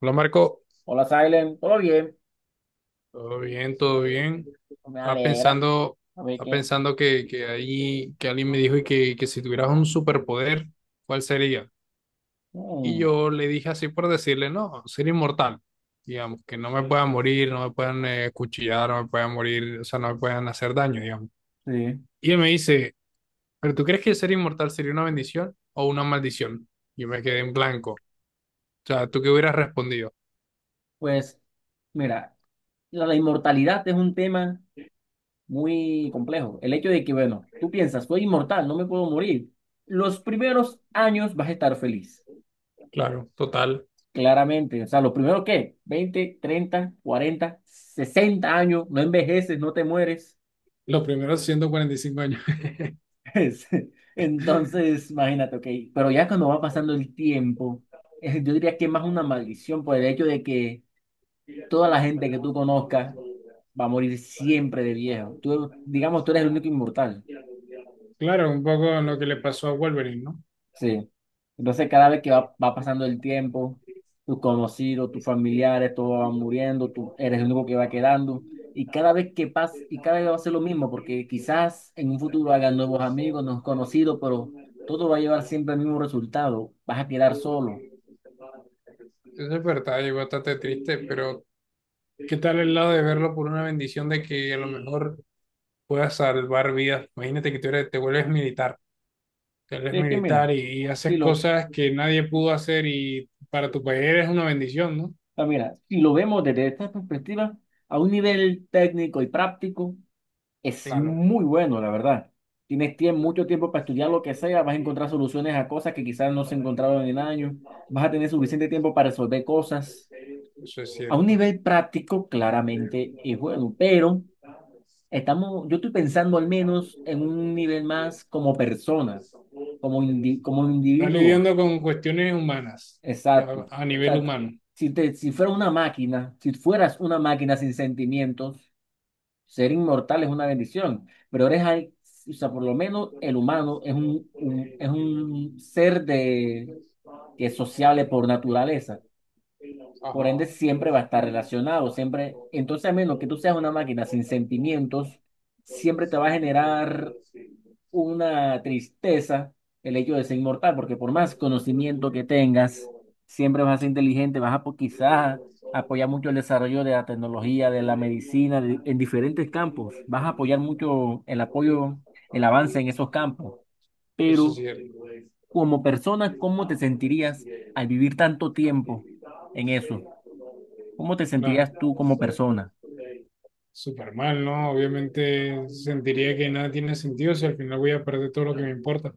Hola Marco, Hola, Silent. ¿Todo bien? todo bien, todo bien. Pues me Estaba alegra. pensando, A ver estaba qué. pensando que, que ahí que alguien me dijo que si tuvieras un superpoder, ¿cuál sería? Y Mm, yo le dije así por decirle, no, ser inmortal. Digamos, que no me puedan morir, no me puedan cuchillar, no me puedan morir, o sea, no me puedan hacer daño, digamos. sí. Y él me dice, ¿pero tú crees que ser inmortal sería una bendición o una maldición? Yo me quedé en blanco. O sea, ¿tú qué hubieras respondido? Pues, mira, la inmortalidad es un tema muy complejo. El hecho de que, bueno, tú piensas, soy inmortal, no me puedo morir. Los primeros años vas a estar feliz, Claro, total. claramente. O sea, los primeros, ¿qué? Veinte, 30, 40, 60 años, no envejeces, no te mueres. Los primeros 145 años. Es- Entonces, imagínate, ok. Pero ya cuando va pasando el tiempo, yo diría que es más una maldición por el hecho de que toda la gente que tú conozcas va a morir siempre de viejo. Tú, digamos, tú eres el único inmortal. Claro, un poco lo que le pasó a Wolverine, ¿no? Sí. Entonces, cada vez que va pasando el tiempo, tus conocidos, tus familiares, todos van muriendo, tú eres el único que va quedando. Y cada vez que pasa, y cada vez va a ser lo mismo, porque quizás en un futuro hagan nuevos amigos, nuevos conocidos, pero todo va a llevar siempre el mismo resultado. Vas a quedar solo. Eso es verdad, y bastante triste, pero ¿qué tal el lado de verlo por una bendición de que a lo mejor puedas salvar vidas? Imagínate que tú eres, te vuelves Sí, es que mira, militar y si haces lo, cosas que nadie pudo hacer y para tu país eres una bendición, ¿no? ah, mira, si lo vemos desde esta perspectiva, a un nivel técnico y práctico, es Claro, muy bueno, la verdad. Tienes tiempo, mucho tiempo para estudiar lo que sea, vas a encontrar soluciones a cosas que quizás no se encontraron en años, vas a tener suficiente tiempo para resolver cosas. eso es A un cierto. nivel práctico, claramente es bueno, pero estamos, yo estoy pensando al menos en un nivel más como persona, como, como Estás individuo. lidiando con cuestiones humanas, Exacto. O ya a nivel sea, humano. Si fuera una máquina, si fueras una máquina sin sentimientos, ser inmortal es una bendición, pero eres, o sea, por lo menos el humano es un, es un ser de, que es sociable por naturaleza. Por ende, Ajá. siempre va a estar relacionado, siempre. Entonces, a menos que tú seas una máquina sin sentimientos, siempre te va a generar una tristeza el hecho de ser inmortal, porque por más conocimiento que tengas, siempre vas a ser inteligente, vas a quizás apoyar mucho el desarrollo de la tecnología, de la medicina, en diferentes campos, vas a apoyar mucho el apoyo, el avance en esos campos, Eso pero sí es cierto. como persona, ¿cómo te sentirías al vivir tanto tiempo en eso? ¿Cómo te Claro. sentirías tú como persona? Súper mal, ¿no? Obviamente sentiría que nada tiene sentido si al final voy a perder todo lo que me importa.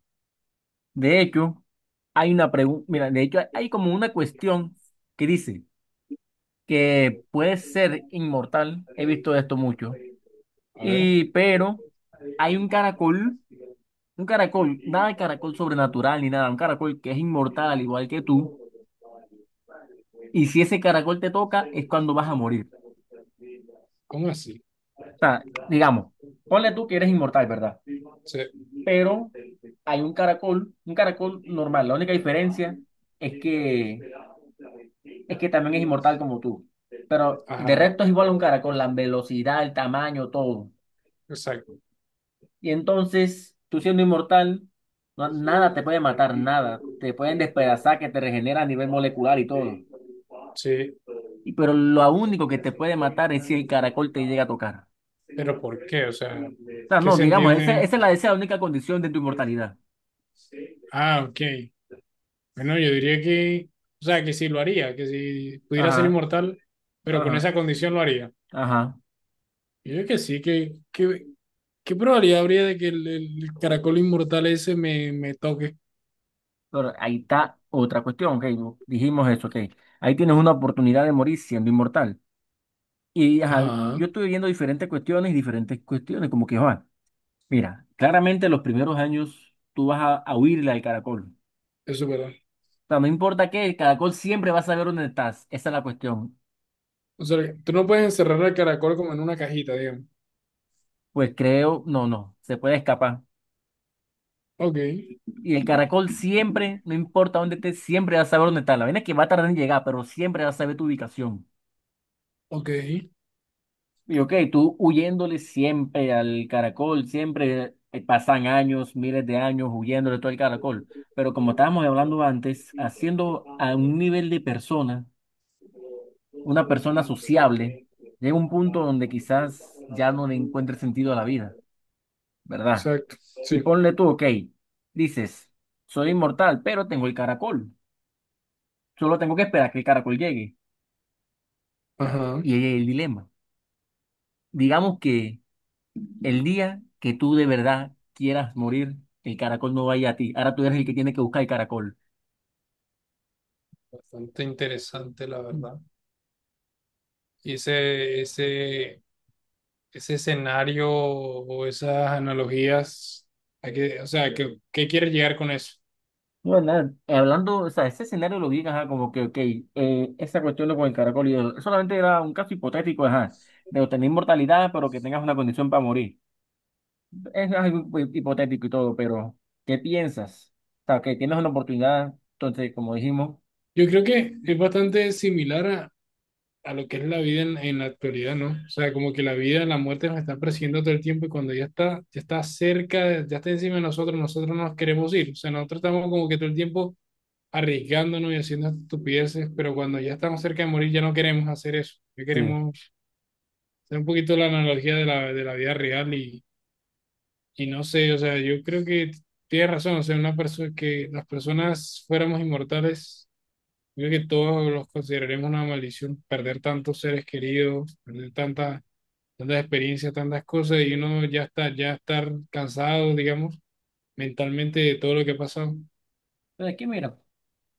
De hecho, hay una pregunta, mira, de hecho hay como una cuestión que dice, que puede ser inmortal, he visto esto mucho, A ver, y pero hay un caracol, nada de caracol sobrenatural ni nada, un caracol que es inmortal al igual que tú, y si ese caracol te toca es cuando vas a morir. ¿cómo así? O sea, digamos, ponle tú que eres inmortal, ¿verdad? Se- Pero hay un caracol normal, la única diferencia es que es que también es inmortal como tú, pero de Ajá, resto es igual a un caracol, la velocidad, el tamaño, todo. exacto. Y entonces, tú siendo inmortal, nada te puede matar, nada. Te pueden despedazar, que te regenera a nivel molecular y todo. Sí, Y, pero lo único que te puede matar es si el caracol te llega a tocar. pero ¿por qué? O sea, O sea, ¿qué no, digamos, sentido tiene? esa es esa es la única condición de tu inmortalidad. Ah, ok. Bueno, yo diría que, o sea, que sí lo haría, que si pudiera ser Ajá, inmortal, pero con ajá, esa condición lo haría. ajá. Yo diría que sí, que, ¿qué probabilidad habría de que el caracol inmortal ese me toque? Pero ahí está otra cuestión, ok. Dijimos eso, ok. Ahí tienes una oportunidad de morir siendo inmortal. Y ajá, Ajá, yo estuve viendo diferentes cuestiones y diferentes cuestiones, como que, Juan, mira, claramente los primeros años tú vas a huirle al caracol. eso es verdad. O sea, no importa qué, el caracol siempre va a saber dónde estás. Esa es la cuestión. O sea, tú no puedes encerrar al caracol como en una cajita, digamos. Pues creo, no, no, se puede escapar. Ok, Y el caracol siempre, no importa dónde estés, siempre va a saber dónde estás. La vaina es que va a tardar en llegar, pero siempre va a saber tu ubicación. ok, Y ok, tú huyéndole siempre al caracol, siempre pasan años, miles de años huyéndole todo el caracol. Pero como estábamos hablando antes, haciendo a un nivel de persona, una persona sociable, llega un punto donde quizás ya no le encuentre sentido a la vida, ¿verdad? exacto, Y sí, ponle tú, ok, dices, soy inmortal, pero tengo el caracol. Solo tengo que esperar que el caracol llegue. ajá. Y ahí hay el dilema. Digamos que el día que tú de verdad quieras morir, el caracol no vaya a ti. Ahora tú eres el que tiene que buscar el caracol. Bastante interesante, la verdad. Y ese, ese, ese escenario o esas analogías, a qué- o sea, ¿qué, qué quieres llegar con eso? No, nada, hablando, o sea, ese escenario lo vi, ajá, como que, ok, esa cuestión de con el caracol y eso, solamente era un caso hipotético, ajá, de obtener inmortalidad, pero que tengas una condición para morir. Es algo hipotético y todo, pero ¿qué piensas? O sea, que tienes una oportunidad, entonces, como dijimos, Yo creo que es bastante similar a lo que es la vida en la actualidad, ¿no? O sea, como que la vida, la muerte nos está persiguiendo todo el tiempo y cuando ya está cerca, ya está encima de nosotros, nosotros no nos queremos ir. O sea, nosotros estamos como que todo el tiempo arriesgándonos y haciendo estupideces, pero cuando ya estamos cerca de morir ya no queremos hacer eso. Ya sí. queremos hacer un poquito la analogía de la vida real. Y no sé, o sea, yo creo que tienes razón, o sea, una persona que las personas fuéramos inmortales, yo creo que todos los consideraríamos una maldición, perder tantos seres queridos, perder tantas, tantas experiencias, tantas cosas, y uno ya está, ya estar cansado, digamos, mentalmente de todo lo que ha pasado. Pero es que mira,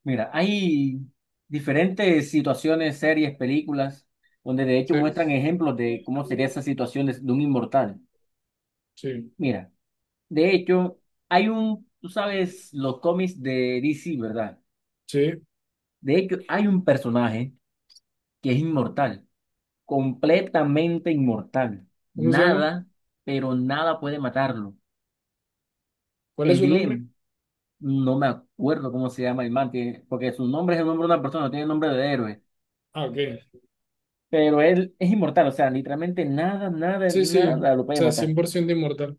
mira, hay diferentes situaciones, series, películas, donde de hecho Sí, muestran ejemplos de cómo sería esa situación de un inmortal. sí, Mira, de hecho, hay tú sabes, los cómics de DC, ¿verdad? sí. De hecho, hay un personaje que es inmortal, completamente inmortal. ¿Cómo se llama? Nada, pero nada puede matarlo. ¿Cuál es El su dilema. nombre? No me acuerdo cómo se llama el man, que, porque su nombre es el nombre de una persona, no tiene nombre de héroe. Ah, ok. Pero él es inmortal, o sea, literalmente nada, nada, Sí, sí, nada lo o puede sea, cien matar. por ciento inmortal.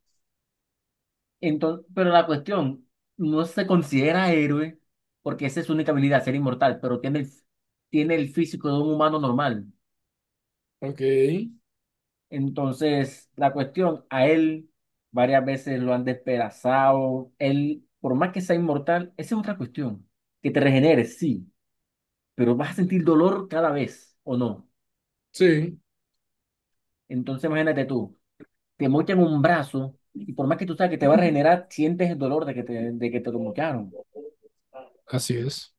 Entonces, pero la cuestión, no se considera héroe porque esa es su única habilidad, ser inmortal, pero tiene tiene el físico de un humano normal. Ok, Entonces, la cuestión, a él varias veces lo han despedazado. Él, por más que sea inmortal, esa es otra cuestión. Que te regeneres, sí, pero vas a sentir dolor cada vez, ¿o no? sí, Entonces, imagínate tú, te mochan un brazo y por más que tú sabes que te va a regenerar, sientes el dolor de que te lo mocharon. así es.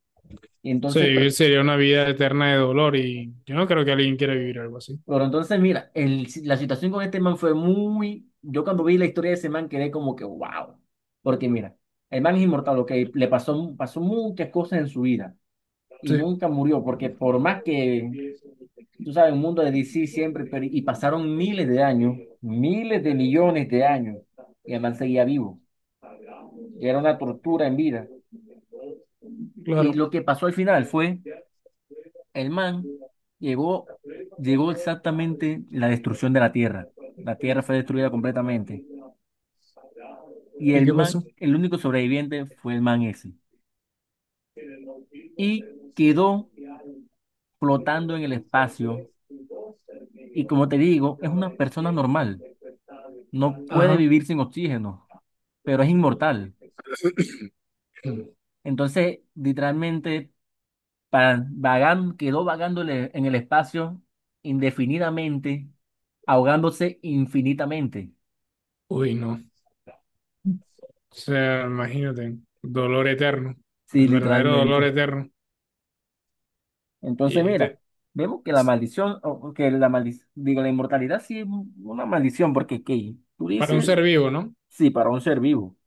Y Sí, entonces, vivir sería una vida eterna de dolor y yo no creo que alguien quiera vivir algo así. pero entonces, mira, el, la situación con este man fue muy. Yo cuando vi la historia de ese man quedé como que, wow. Porque mira, el man es inmortal, ok, le pasó, pasó muchas cosas en su vida y Sí, nunca murió, porque por más que, tú sabes, el mundo de DC siempre, pero- y pasaron miles de años, miles de millones de años, y el man seguía vivo. Ya era una tortura en vida. Y claro. lo que pasó al final fue, el man llegó, llegó exactamente la destrucción de la Tierra. La Tierra fue destruida completamente. Y ¿Y el qué pasó? man, el único sobreviviente fue el man ese. Y quedó flotando en el espacio. Y como te digo, es una persona normal. No puede Ajá. vivir sin oxígeno, pero es inmortal. Entonces, literalmente, para, quedó vagando en el espacio indefinidamente, ahogándose infinitamente. Uy, no. O sea, imagínate, dolor eterno, Sí, el verdadero dolor literalmente. eterno. Entonces, Y mira, te- vemos que la maldición, o que la maldición, digo, la inmortalidad sí es una maldición, porque ¿qué? Tú para un dices, ser vivo, ¿no? sí, para un ser vivo.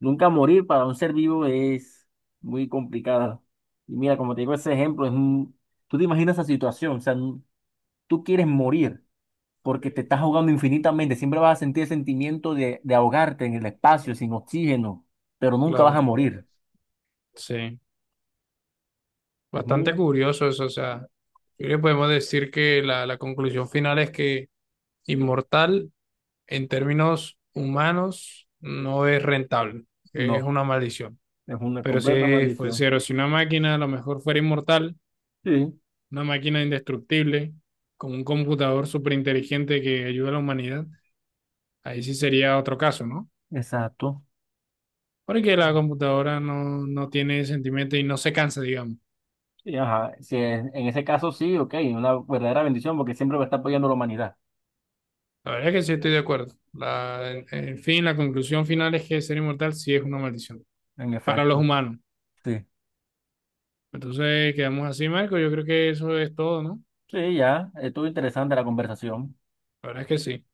Nunca morir para un ser vivo es muy complicado. Y mira, como te digo, ese ejemplo es tú te imaginas esa situación, o sea, tú quieres morir porque te estás ahogando infinitamente, siempre vas a sentir el sentimiento de ahogarte en el espacio, sin oxígeno, pero nunca vas a Claro. morir. Sí, Es bastante muy, curioso eso. O sea, yo creo que podemos decir que la conclusión final es que inmortal en términos humanos no es rentable, es no, una maldición. es una Pero completa si fuese maldición. cero, si una máquina a lo mejor fuera inmortal, Sí. una máquina indestructible, con un computador súper inteligente que ayude a la humanidad, ahí sí sería otro caso, ¿no? Exacto. Porque la computadora no, no tiene sentimiento y no se cansa, digamos. Sí, ajá. Si es- En ese caso sí, ok, una verdadera bendición porque siempre va a estar apoyando a la humanidad. La verdad es que sí estoy de acuerdo. La, en fin, la conclusión final es que ser inmortal sí es una maldición En para los efecto. humanos. Sí. Entonces quedamos así, Marco. Yo creo que eso es todo, ¿no? Sí, ya. Estuvo interesante la conversación. La verdad es que sí.